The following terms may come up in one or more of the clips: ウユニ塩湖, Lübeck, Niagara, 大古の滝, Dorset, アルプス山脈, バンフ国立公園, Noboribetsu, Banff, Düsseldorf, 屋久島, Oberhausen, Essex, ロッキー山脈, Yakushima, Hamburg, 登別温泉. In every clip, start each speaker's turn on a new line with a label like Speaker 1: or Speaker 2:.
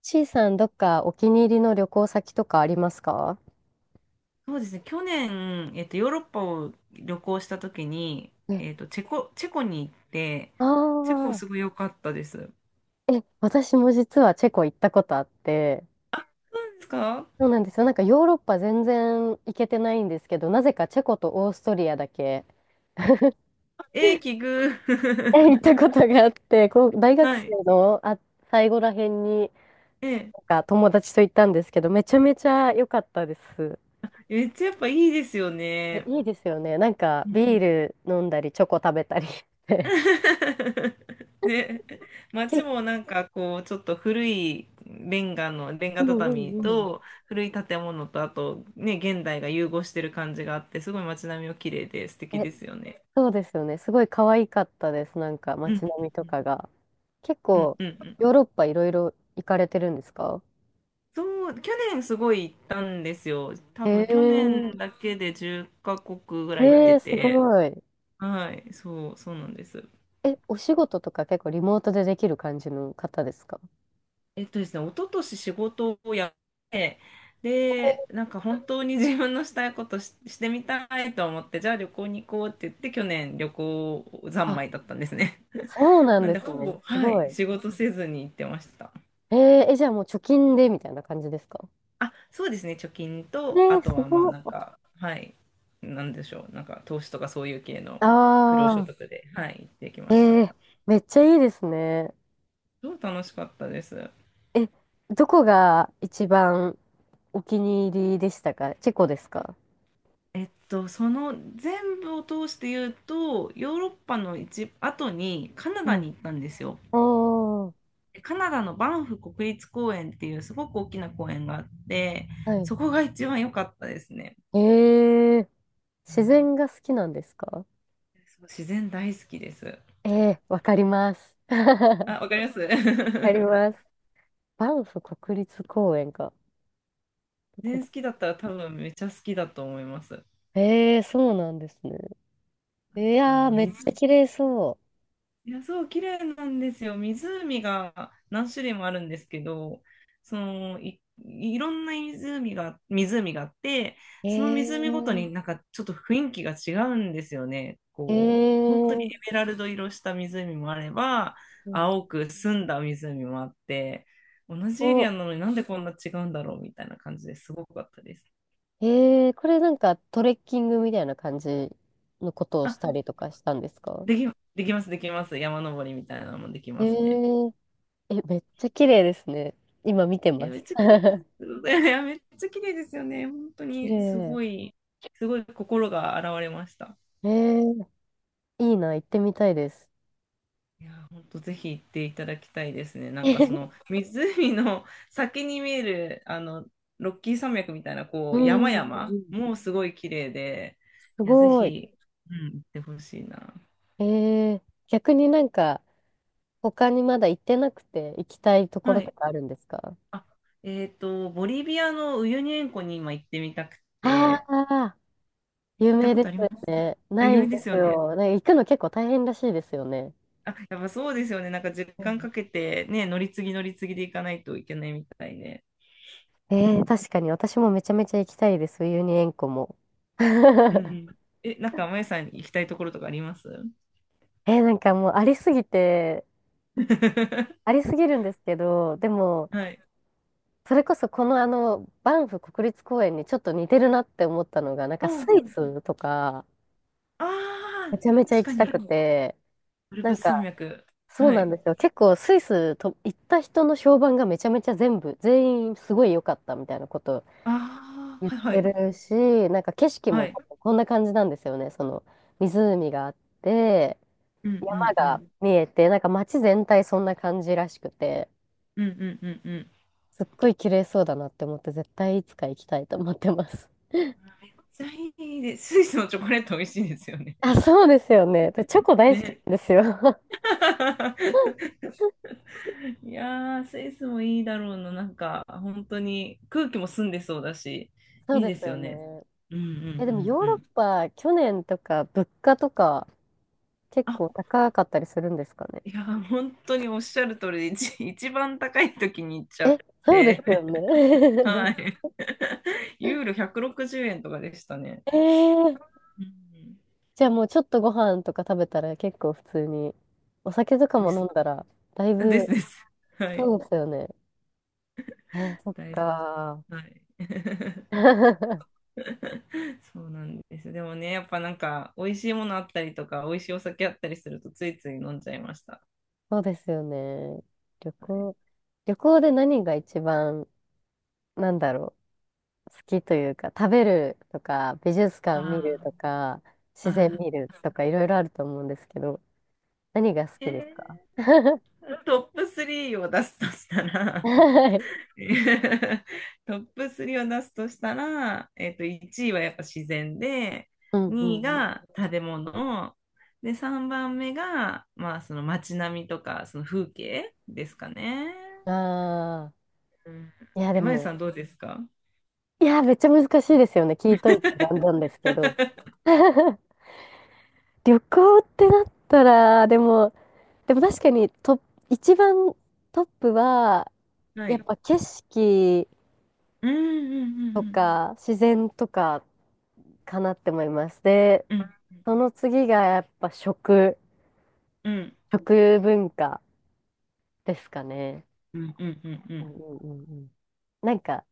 Speaker 1: C さん、どっかお気に入りの旅行先とかありますか？
Speaker 2: そうですね。去年、ヨーロッパを旅行した時に、
Speaker 1: え、
Speaker 2: チェコに行って、チェコ
Speaker 1: あ、あ、
Speaker 2: すごい良かったです。そう
Speaker 1: え、私も実はチェコ行ったことあって、
Speaker 2: ですか？
Speaker 1: そうなんですよ。なんかヨーロッパ全然行けてないんですけど、なぜかチェコとオーストリアだけ、
Speaker 2: ええ、奇遇。
Speaker 1: 行った ことがあって、こう、大学
Speaker 2: は
Speaker 1: 生
Speaker 2: い。
Speaker 1: の最後らへんに、
Speaker 2: え
Speaker 1: なん
Speaker 2: え。
Speaker 1: か友達と行ったんですけど、めちゃめちゃ良かったです。
Speaker 2: めっちゃやっぱいいですよ
Speaker 1: え、
Speaker 2: ね。
Speaker 1: いいですよね。なんか
Speaker 2: うん
Speaker 1: ビール飲んだり、チョコ食べたりして。
Speaker 2: ね、街も
Speaker 1: け、
Speaker 2: なんかこう、ちょっと古いレン
Speaker 1: う
Speaker 2: ガ
Speaker 1: んう
Speaker 2: 畳
Speaker 1: ん、うん。
Speaker 2: と古い建物と、あとね、現代が融合してる感じがあって、すごい街並みも綺麗で素敵
Speaker 1: え、
Speaker 2: ですよね。
Speaker 1: そうですよね。すごい可愛かったです。なんか
Speaker 2: う
Speaker 1: 街
Speaker 2: ん
Speaker 1: 並みとかが。結
Speaker 2: うん
Speaker 1: 構、
Speaker 2: うん。
Speaker 1: ヨーロッパいろいろ行かれてるんですか？
Speaker 2: そう、去年すごい行ったんですよ。多
Speaker 1: へえ
Speaker 2: 分去年
Speaker 1: ー、
Speaker 2: だけで10カ国ぐらい行って
Speaker 1: えー、す
Speaker 2: て。
Speaker 1: ごい。
Speaker 2: はい、そう、そうなんです。
Speaker 1: え、お仕事とか結構リモートでできる感じの方ですか？
Speaker 2: ですね、一昨年仕事をやって、で、なんか本当に自分のしたいことしてみたいと思って、じゃあ旅行に行こうって言って、去年旅行三
Speaker 1: あ、
Speaker 2: 昧だったんですね。
Speaker 1: そうなん
Speaker 2: なん
Speaker 1: で
Speaker 2: で、
Speaker 1: す
Speaker 2: ほ
Speaker 1: ね。
Speaker 2: ぼ、
Speaker 1: す
Speaker 2: は
Speaker 1: ご
Speaker 2: い、
Speaker 1: い。
Speaker 2: 仕事せずに行ってました。
Speaker 1: えー、え、じゃあもう貯金でみたいな感じですか？
Speaker 2: あ、そうですね。貯金
Speaker 1: え
Speaker 2: と、あ
Speaker 1: ー、す
Speaker 2: とはまあ
Speaker 1: ご
Speaker 2: なん
Speaker 1: い。
Speaker 2: か、はい、なんでしょう。なんか投資とかそういう系の不労所
Speaker 1: あ、
Speaker 2: 得で、はい、行ってき
Speaker 1: あえ
Speaker 2: ました。
Speaker 1: ー、めっちゃいいですね。
Speaker 2: 超楽しかったです。
Speaker 1: え、どこが一番お気に入りでしたか？チェコですか？
Speaker 2: その全部を通して言うと、ヨーロッパの一後にカナ
Speaker 1: は
Speaker 2: ダ
Speaker 1: い、
Speaker 2: に行ったんですよ。
Speaker 1: ああ、
Speaker 2: でカナダのバンフ国立公園っていうすごく大きな公園があって、
Speaker 1: はい。
Speaker 2: そこが一番良かったですね。
Speaker 1: ええ、
Speaker 2: は
Speaker 1: 自
Speaker 2: い、
Speaker 1: 然が好きなんですか？
Speaker 2: そう自然大好きです。
Speaker 1: ええ、わかります。わ
Speaker 2: あ、わかります
Speaker 1: かり ます。バンフ国立公園か。どこ
Speaker 2: 全
Speaker 1: だ？
Speaker 2: 好きだったら多分めっちゃ好きだと思います。
Speaker 1: ええ、そうなんですね。い
Speaker 2: あ
Speaker 1: やー、
Speaker 2: の
Speaker 1: めっちゃ
Speaker 2: 水、
Speaker 1: 綺麗そ
Speaker 2: いや、そう、綺麗なんですよ。湖が何種類もあるんですけど、そのい、いろんな湖が、あって、
Speaker 1: う。え
Speaker 2: その湖ごとになん
Speaker 1: え、
Speaker 2: かちょっと雰囲気が違うんですよね。
Speaker 1: え
Speaker 2: こう、本当にエ
Speaker 1: え、
Speaker 2: メラルド色した湖もあれば、
Speaker 1: うん、
Speaker 2: 青く澄んだ湖もあって、同じエリ
Speaker 1: お、
Speaker 2: アなのになんでこんな違うんだろうみたいな感じですごかったです。
Speaker 1: ええ、これなんかトレッキングみたいな感じのことをしたりとかしたんですか？
Speaker 2: でき、できます。山登りみたいなのもでき
Speaker 1: え
Speaker 2: ますね。
Speaker 1: え、え、めっちゃ綺麗ですね。今見て
Speaker 2: いや、
Speaker 1: ま
Speaker 2: めっ
Speaker 1: す。
Speaker 2: ちゃ綺麗で す。いや、めっちゃ綺麗ですよね。本当
Speaker 1: 綺
Speaker 2: に、
Speaker 1: 麗。
Speaker 2: すごい心が洗われました。
Speaker 1: え、いいな、行ってみたいです。
Speaker 2: いや、本当ぜひ行っていただきたいですね。なんかその 湖の先に見える、ロッキー山脈みたいな、こ
Speaker 1: う
Speaker 2: う、
Speaker 1: んん、う
Speaker 2: 山
Speaker 1: ん、う
Speaker 2: 々
Speaker 1: ん、
Speaker 2: もすごい綺麗で、
Speaker 1: す
Speaker 2: いや、ぜ
Speaker 1: ごい。
Speaker 2: ひ、うん、行ってほしいな。
Speaker 1: えー、逆になんか、他にまだ行ってなくて行きたいとこ
Speaker 2: は
Speaker 1: ろと
Speaker 2: い。
Speaker 1: かあるんですか？
Speaker 2: あ、ボリビアのウユニ塩湖に今行ってみたく
Speaker 1: あ、
Speaker 2: て、
Speaker 1: あー、
Speaker 2: 行
Speaker 1: 有
Speaker 2: った
Speaker 1: 名
Speaker 2: こ
Speaker 1: です
Speaker 2: とありま
Speaker 1: よ
Speaker 2: す？
Speaker 1: ね。
Speaker 2: あ、
Speaker 1: な
Speaker 2: 有
Speaker 1: いん
Speaker 2: 名
Speaker 1: で
Speaker 2: です
Speaker 1: す
Speaker 2: よね。
Speaker 1: よ。ね、行くの結構大変らしいですよね。
Speaker 2: あ、やっぱそうですよね。なんか時
Speaker 1: う
Speaker 2: 間
Speaker 1: ん、
Speaker 2: かけてね、乗り継ぎ乗り継ぎで行かないといけないみたいで。
Speaker 1: えー、確かに私もめちゃめちゃ行きたいです。ウユニ塩湖も。
Speaker 2: うんう ん。え、なんか、まゆさん行きたいところとかあります？
Speaker 1: えー、なんかもうありすぎて、ありすぎるんですけど、でも、
Speaker 2: はい。
Speaker 1: それこそこのバンフ国立公園にちょっと似てるなって思ったのが、なんか
Speaker 2: お
Speaker 1: スイ
Speaker 2: う、
Speaker 1: スとか、
Speaker 2: あ
Speaker 1: め
Speaker 2: あ
Speaker 1: ちゃめち
Speaker 2: ー、
Speaker 1: ゃ
Speaker 2: 確
Speaker 1: 行
Speaker 2: か
Speaker 1: きた
Speaker 2: に。
Speaker 1: くて、
Speaker 2: アル
Speaker 1: な
Speaker 2: プ
Speaker 1: ん
Speaker 2: ス山
Speaker 1: か、
Speaker 2: 脈。
Speaker 1: そう
Speaker 2: は
Speaker 1: なん
Speaker 2: い。
Speaker 1: ですよ。結構スイスと行った人の評判がめちゃめちゃ全部、全員すごい良かったみたいなこと
Speaker 2: あ
Speaker 1: 言っ
Speaker 2: あ、はいは
Speaker 1: て
Speaker 2: い。
Speaker 1: るし、なんか景色
Speaker 2: は
Speaker 1: も
Speaker 2: い。
Speaker 1: こんな感じなんですよね。その湖があって、
Speaker 2: うんう
Speaker 1: 山
Speaker 2: んう
Speaker 1: が
Speaker 2: ん。
Speaker 1: 見えて、なんか街全体そんな感じらしくて、
Speaker 2: うんうんうんうん。
Speaker 1: すっごい綺麗そうだなって思って、絶対いつか行きたいと思ってます。
Speaker 2: めっちゃいいです。スイスのチョコレート美味しいですよね。
Speaker 1: あ、そうですよね。で、チョコ大好き
Speaker 2: ね。
Speaker 1: なんですよ。
Speaker 2: いやー、スイスもいいだろうな。なんか、本当に空気も澄んでそうだし、
Speaker 1: そう
Speaker 2: いい
Speaker 1: で
Speaker 2: で
Speaker 1: す
Speaker 2: す
Speaker 1: よ
Speaker 2: よね。
Speaker 1: ね。
Speaker 2: うんう
Speaker 1: え、
Speaker 2: ん
Speaker 1: で
Speaker 2: う
Speaker 1: もヨ
Speaker 2: ん
Speaker 1: ー
Speaker 2: う
Speaker 1: ロッ
Speaker 2: ん。
Speaker 1: パ、去年とか物価とか結
Speaker 2: あ、
Speaker 1: 構高かったりするんですかね。
Speaker 2: いやー、本当におっしゃる通りで、一番高い時に行っちゃ
Speaker 1: え、
Speaker 2: っ
Speaker 1: そうですよ
Speaker 2: て、は
Speaker 1: ね。
Speaker 2: い。ユーロ160円とかでしたね。
Speaker 1: えー、
Speaker 2: うん
Speaker 1: じゃあもうちょっとご飯とか食べたら結構普通に、お酒とか
Speaker 2: で
Speaker 1: も飲
Speaker 2: す。
Speaker 1: んだら、だい
Speaker 2: です
Speaker 1: ぶ、
Speaker 2: です。はい。
Speaker 1: そうですよね。えー、そっ
Speaker 2: だいぶ。
Speaker 1: か
Speaker 2: はい。
Speaker 1: ー。
Speaker 2: そうなんです。でもね、やっぱなんか、美味しいものあったりとか、美味しいお酒あったりすると、ついつい飲んじゃいました。
Speaker 1: そうですよね。旅
Speaker 2: はい。
Speaker 1: 行、旅行で何が一番、なんだろう。好きというか、食べるとか、美術館見る
Speaker 2: あ
Speaker 1: とか、
Speaker 2: あ、
Speaker 1: 自然
Speaker 2: あ
Speaker 1: 見
Speaker 2: ー
Speaker 1: るとか、いろいろあると思うんですけど、何が好きですか？
Speaker 2: え トップ3を出すとしたら
Speaker 1: はい、
Speaker 2: トップ3を出すとしたら、1位はやっぱ自然で、
Speaker 1: うんう
Speaker 2: 2位
Speaker 1: んう
Speaker 2: が食べ物、で、3番目が、まあ、その街並みとか、その風景ですかね。
Speaker 1: ん。あ
Speaker 2: うん。
Speaker 1: あ、いや、で
Speaker 2: え、まゆ
Speaker 1: も、
Speaker 2: さんどうですか？
Speaker 1: いや、めっちゃ難しいですよね。聞いといてなんなんですけど。旅行ってなったら、でも、でも確かにトップ、一番トップは、
Speaker 2: は
Speaker 1: やっ
Speaker 2: い。
Speaker 1: ぱ景色
Speaker 2: うんうん
Speaker 1: と
Speaker 2: うん
Speaker 1: か自然とかかなって思います。で、
Speaker 2: うん
Speaker 1: その次がやっぱ食。
Speaker 2: うんうん
Speaker 1: 食文化ですかね。
Speaker 2: うんうんう
Speaker 1: うん
Speaker 2: ん
Speaker 1: うんうんうん。なんか、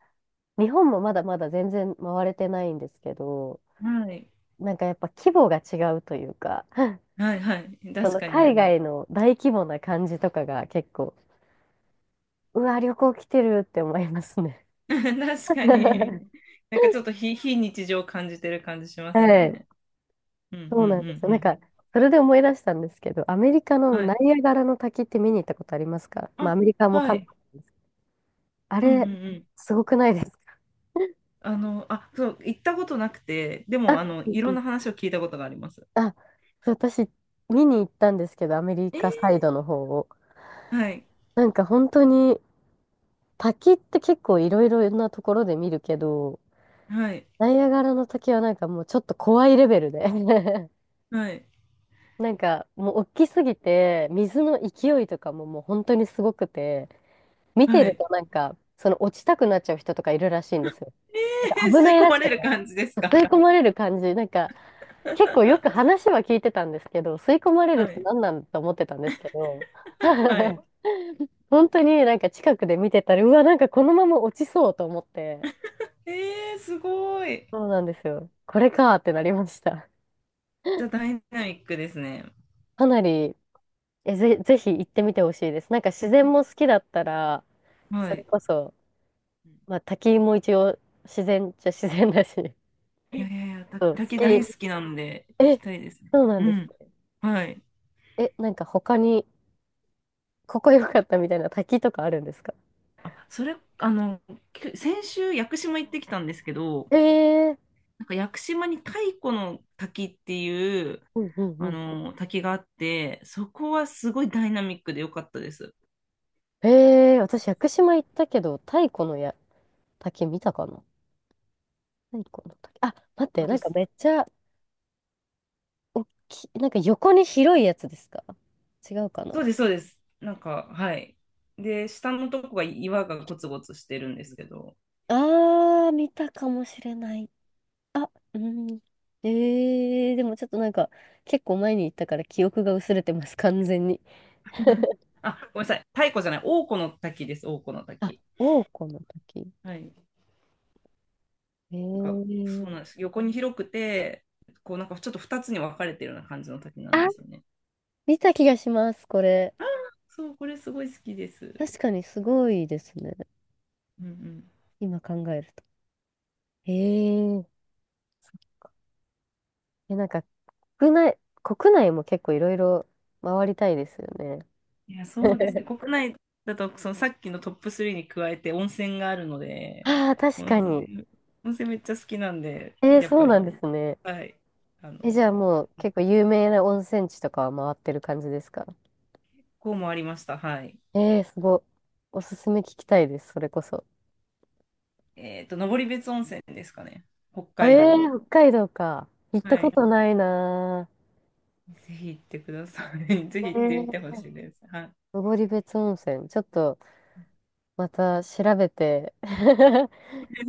Speaker 1: 日本もまだまだ全然回れてないんですけど、
Speaker 2: うん。はい
Speaker 1: なんかやっぱ規模が違うというか、
Speaker 2: はいはい。
Speaker 1: そ
Speaker 2: 確
Speaker 1: の
Speaker 2: か
Speaker 1: 海
Speaker 2: に
Speaker 1: 外の大規模な感じとかが結構、うわ、旅行来てるって思いますね。
Speaker 2: 確かに。 なんかちょっと非日常を感じてる感じしますよ
Speaker 1: はい。
Speaker 2: ね。うんうんうん
Speaker 1: そうなんですよ。
Speaker 2: う
Speaker 1: なん
Speaker 2: ん。
Speaker 1: か、それで思い出したんですけど、アメリカの
Speaker 2: は
Speaker 1: ナ
Speaker 2: い。
Speaker 1: イアガラの滝って見に行ったことありますか？まあ、ア
Speaker 2: あ、
Speaker 1: メリカも
Speaker 2: は
Speaker 1: カナダ
Speaker 2: い。
Speaker 1: もです。あ
Speaker 2: うんうん
Speaker 1: れ、
Speaker 2: うん。
Speaker 1: すごくないですか？
Speaker 2: あ、そう、行ったことなくて、で
Speaker 1: あ、
Speaker 2: も、
Speaker 1: う
Speaker 2: いろん
Speaker 1: ん、
Speaker 2: な話を聞いたことがあります。
Speaker 1: あ、そう、私、見に行ったんですけど、アメリ
Speaker 2: え
Speaker 1: カサイ
Speaker 2: ー
Speaker 1: ドの方を。
Speaker 2: はい。
Speaker 1: なんか本当に、滝って結構いろいろなところで見るけど、
Speaker 2: はい。
Speaker 1: ナイアガラの滝はなんかもうちょっと怖いレベルで、
Speaker 2: はい。
Speaker 1: なんかもう大きすぎて、水の勢いとかももう本当にすごくて、見て
Speaker 2: は
Speaker 1: る
Speaker 2: い。
Speaker 1: となんか、その落ちたくなっちゃう人とかいるらしいんですよ。なんか
Speaker 2: えー、
Speaker 1: 危
Speaker 2: 吸
Speaker 1: な
Speaker 2: い
Speaker 1: い
Speaker 2: 込
Speaker 1: ら
Speaker 2: ま
Speaker 1: しく
Speaker 2: れ
Speaker 1: て、
Speaker 2: る感じです
Speaker 1: 吸
Speaker 2: か？
Speaker 1: い込まれる感じ、なんか、結構よく 話は聞いてたんですけど、吸い込まれる
Speaker 2: は
Speaker 1: って
Speaker 2: い。
Speaker 1: 何なんだと思ってたんですけど、
Speaker 2: はい。
Speaker 1: 本当になんか近くで見てたら、うわ、なんかこのまま落ちそうと思って、
Speaker 2: えー、すごい。
Speaker 1: そうなんですよ。これかーってなりました。
Speaker 2: じゃあ、ダイナミックですね。
Speaker 1: かなり、え、ぜ、ぜひ行ってみてほしいです。なんか自然も好きだったら、
Speaker 2: は
Speaker 1: それ
Speaker 2: い。
Speaker 1: こそ、まあ滝も一応自然っちゃ自然だし、
Speaker 2: いやいやいや、た、
Speaker 1: そう、好
Speaker 2: 滝
Speaker 1: き。
Speaker 2: 大好き
Speaker 1: え、
Speaker 2: なんで、行きたいですね。
Speaker 1: そうなん
Speaker 2: う
Speaker 1: です。
Speaker 2: ん。はい。
Speaker 1: え、なんか他に、ここ良かったみたいな滝とかあるんですか？
Speaker 2: あ、それ、先週、屋久島行ってきたんですけど、
Speaker 1: えー。
Speaker 2: なんか屋久島に太古の滝っていう、
Speaker 1: うんうんうん、
Speaker 2: 滝があって、そこはすごいダイナミックで良かったです。
Speaker 1: ええ、私、屋久島行ったけど、太古の滝見たかな？太古の滝。あ、待って、
Speaker 2: あ
Speaker 1: な
Speaker 2: と、
Speaker 1: ん
Speaker 2: そ
Speaker 1: かめっちゃ大きい、なんか横に広いやつですか？違うかな？
Speaker 2: うです、そうです。なんか、はい。で、下のとこが岩がゴツゴツしてるんですけど、
Speaker 1: あー、見たかもしれない。あ、うん。ええ、でもちょっとなんか、結構前に行ったから記憶が薄れてます、完全に。
Speaker 2: あ、ごめんなさい。太古じゃない、大古の滝です、大古の
Speaker 1: あ、
Speaker 2: 滝。
Speaker 1: 王子の滝。
Speaker 2: はい。なんか、そうなん
Speaker 1: ええ、
Speaker 2: です。横に広くて、こう、なんかちょっと2つに分かれてるような感じの滝なん
Speaker 1: あ、
Speaker 2: ですよね。
Speaker 1: 見た気がします、これ。
Speaker 2: そう、これすごい好きです。
Speaker 1: 確かにすごいですね。
Speaker 2: うんうん。
Speaker 1: 今考えると。えー、え、なんか、国内、国内も結構いろいろ回りたいですよね。
Speaker 2: いや、そうですね。国内だと、そのさっきのトップ3に加えて温泉があるので、
Speaker 1: ああ、確か
Speaker 2: 温
Speaker 1: に。
Speaker 2: 泉、温泉めっちゃ好きなんで、
Speaker 1: えー、
Speaker 2: やっ
Speaker 1: そう
Speaker 2: ぱ
Speaker 1: なんで
Speaker 2: り、
Speaker 1: すね。
Speaker 2: はい。あ
Speaker 1: え、じゃあ
Speaker 2: の、
Speaker 1: もう結構有名な温泉地とかは回ってる感じですか？
Speaker 2: こうもありました。はい。
Speaker 1: えー、すご。おすすめ聞きたいです、それこそ。
Speaker 2: 登別温泉ですかね。北
Speaker 1: え
Speaker 2: 海道の。
Speaker 1: ー、北海道か。行った
Speaker 2: は
Speaker 1: こ
Speaker 2: い。
Speaker 1: とないな
Speaker 2: ぜひ行ってください。ぜ
Speaker 1: ぁ。
Speaker 2: ひ
Speaker 1: え
Speaker 2: 行ってみてほ
Speaker 1: ー、
Speaker 2: しいです。は
Speaker 1: 登別温泉。ちょっとまた調べて、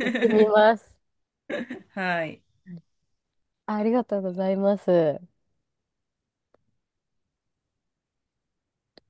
Speaker 1: 行ってみます。
Speaker 2: はい。
Speaker 1: ありがとうございます。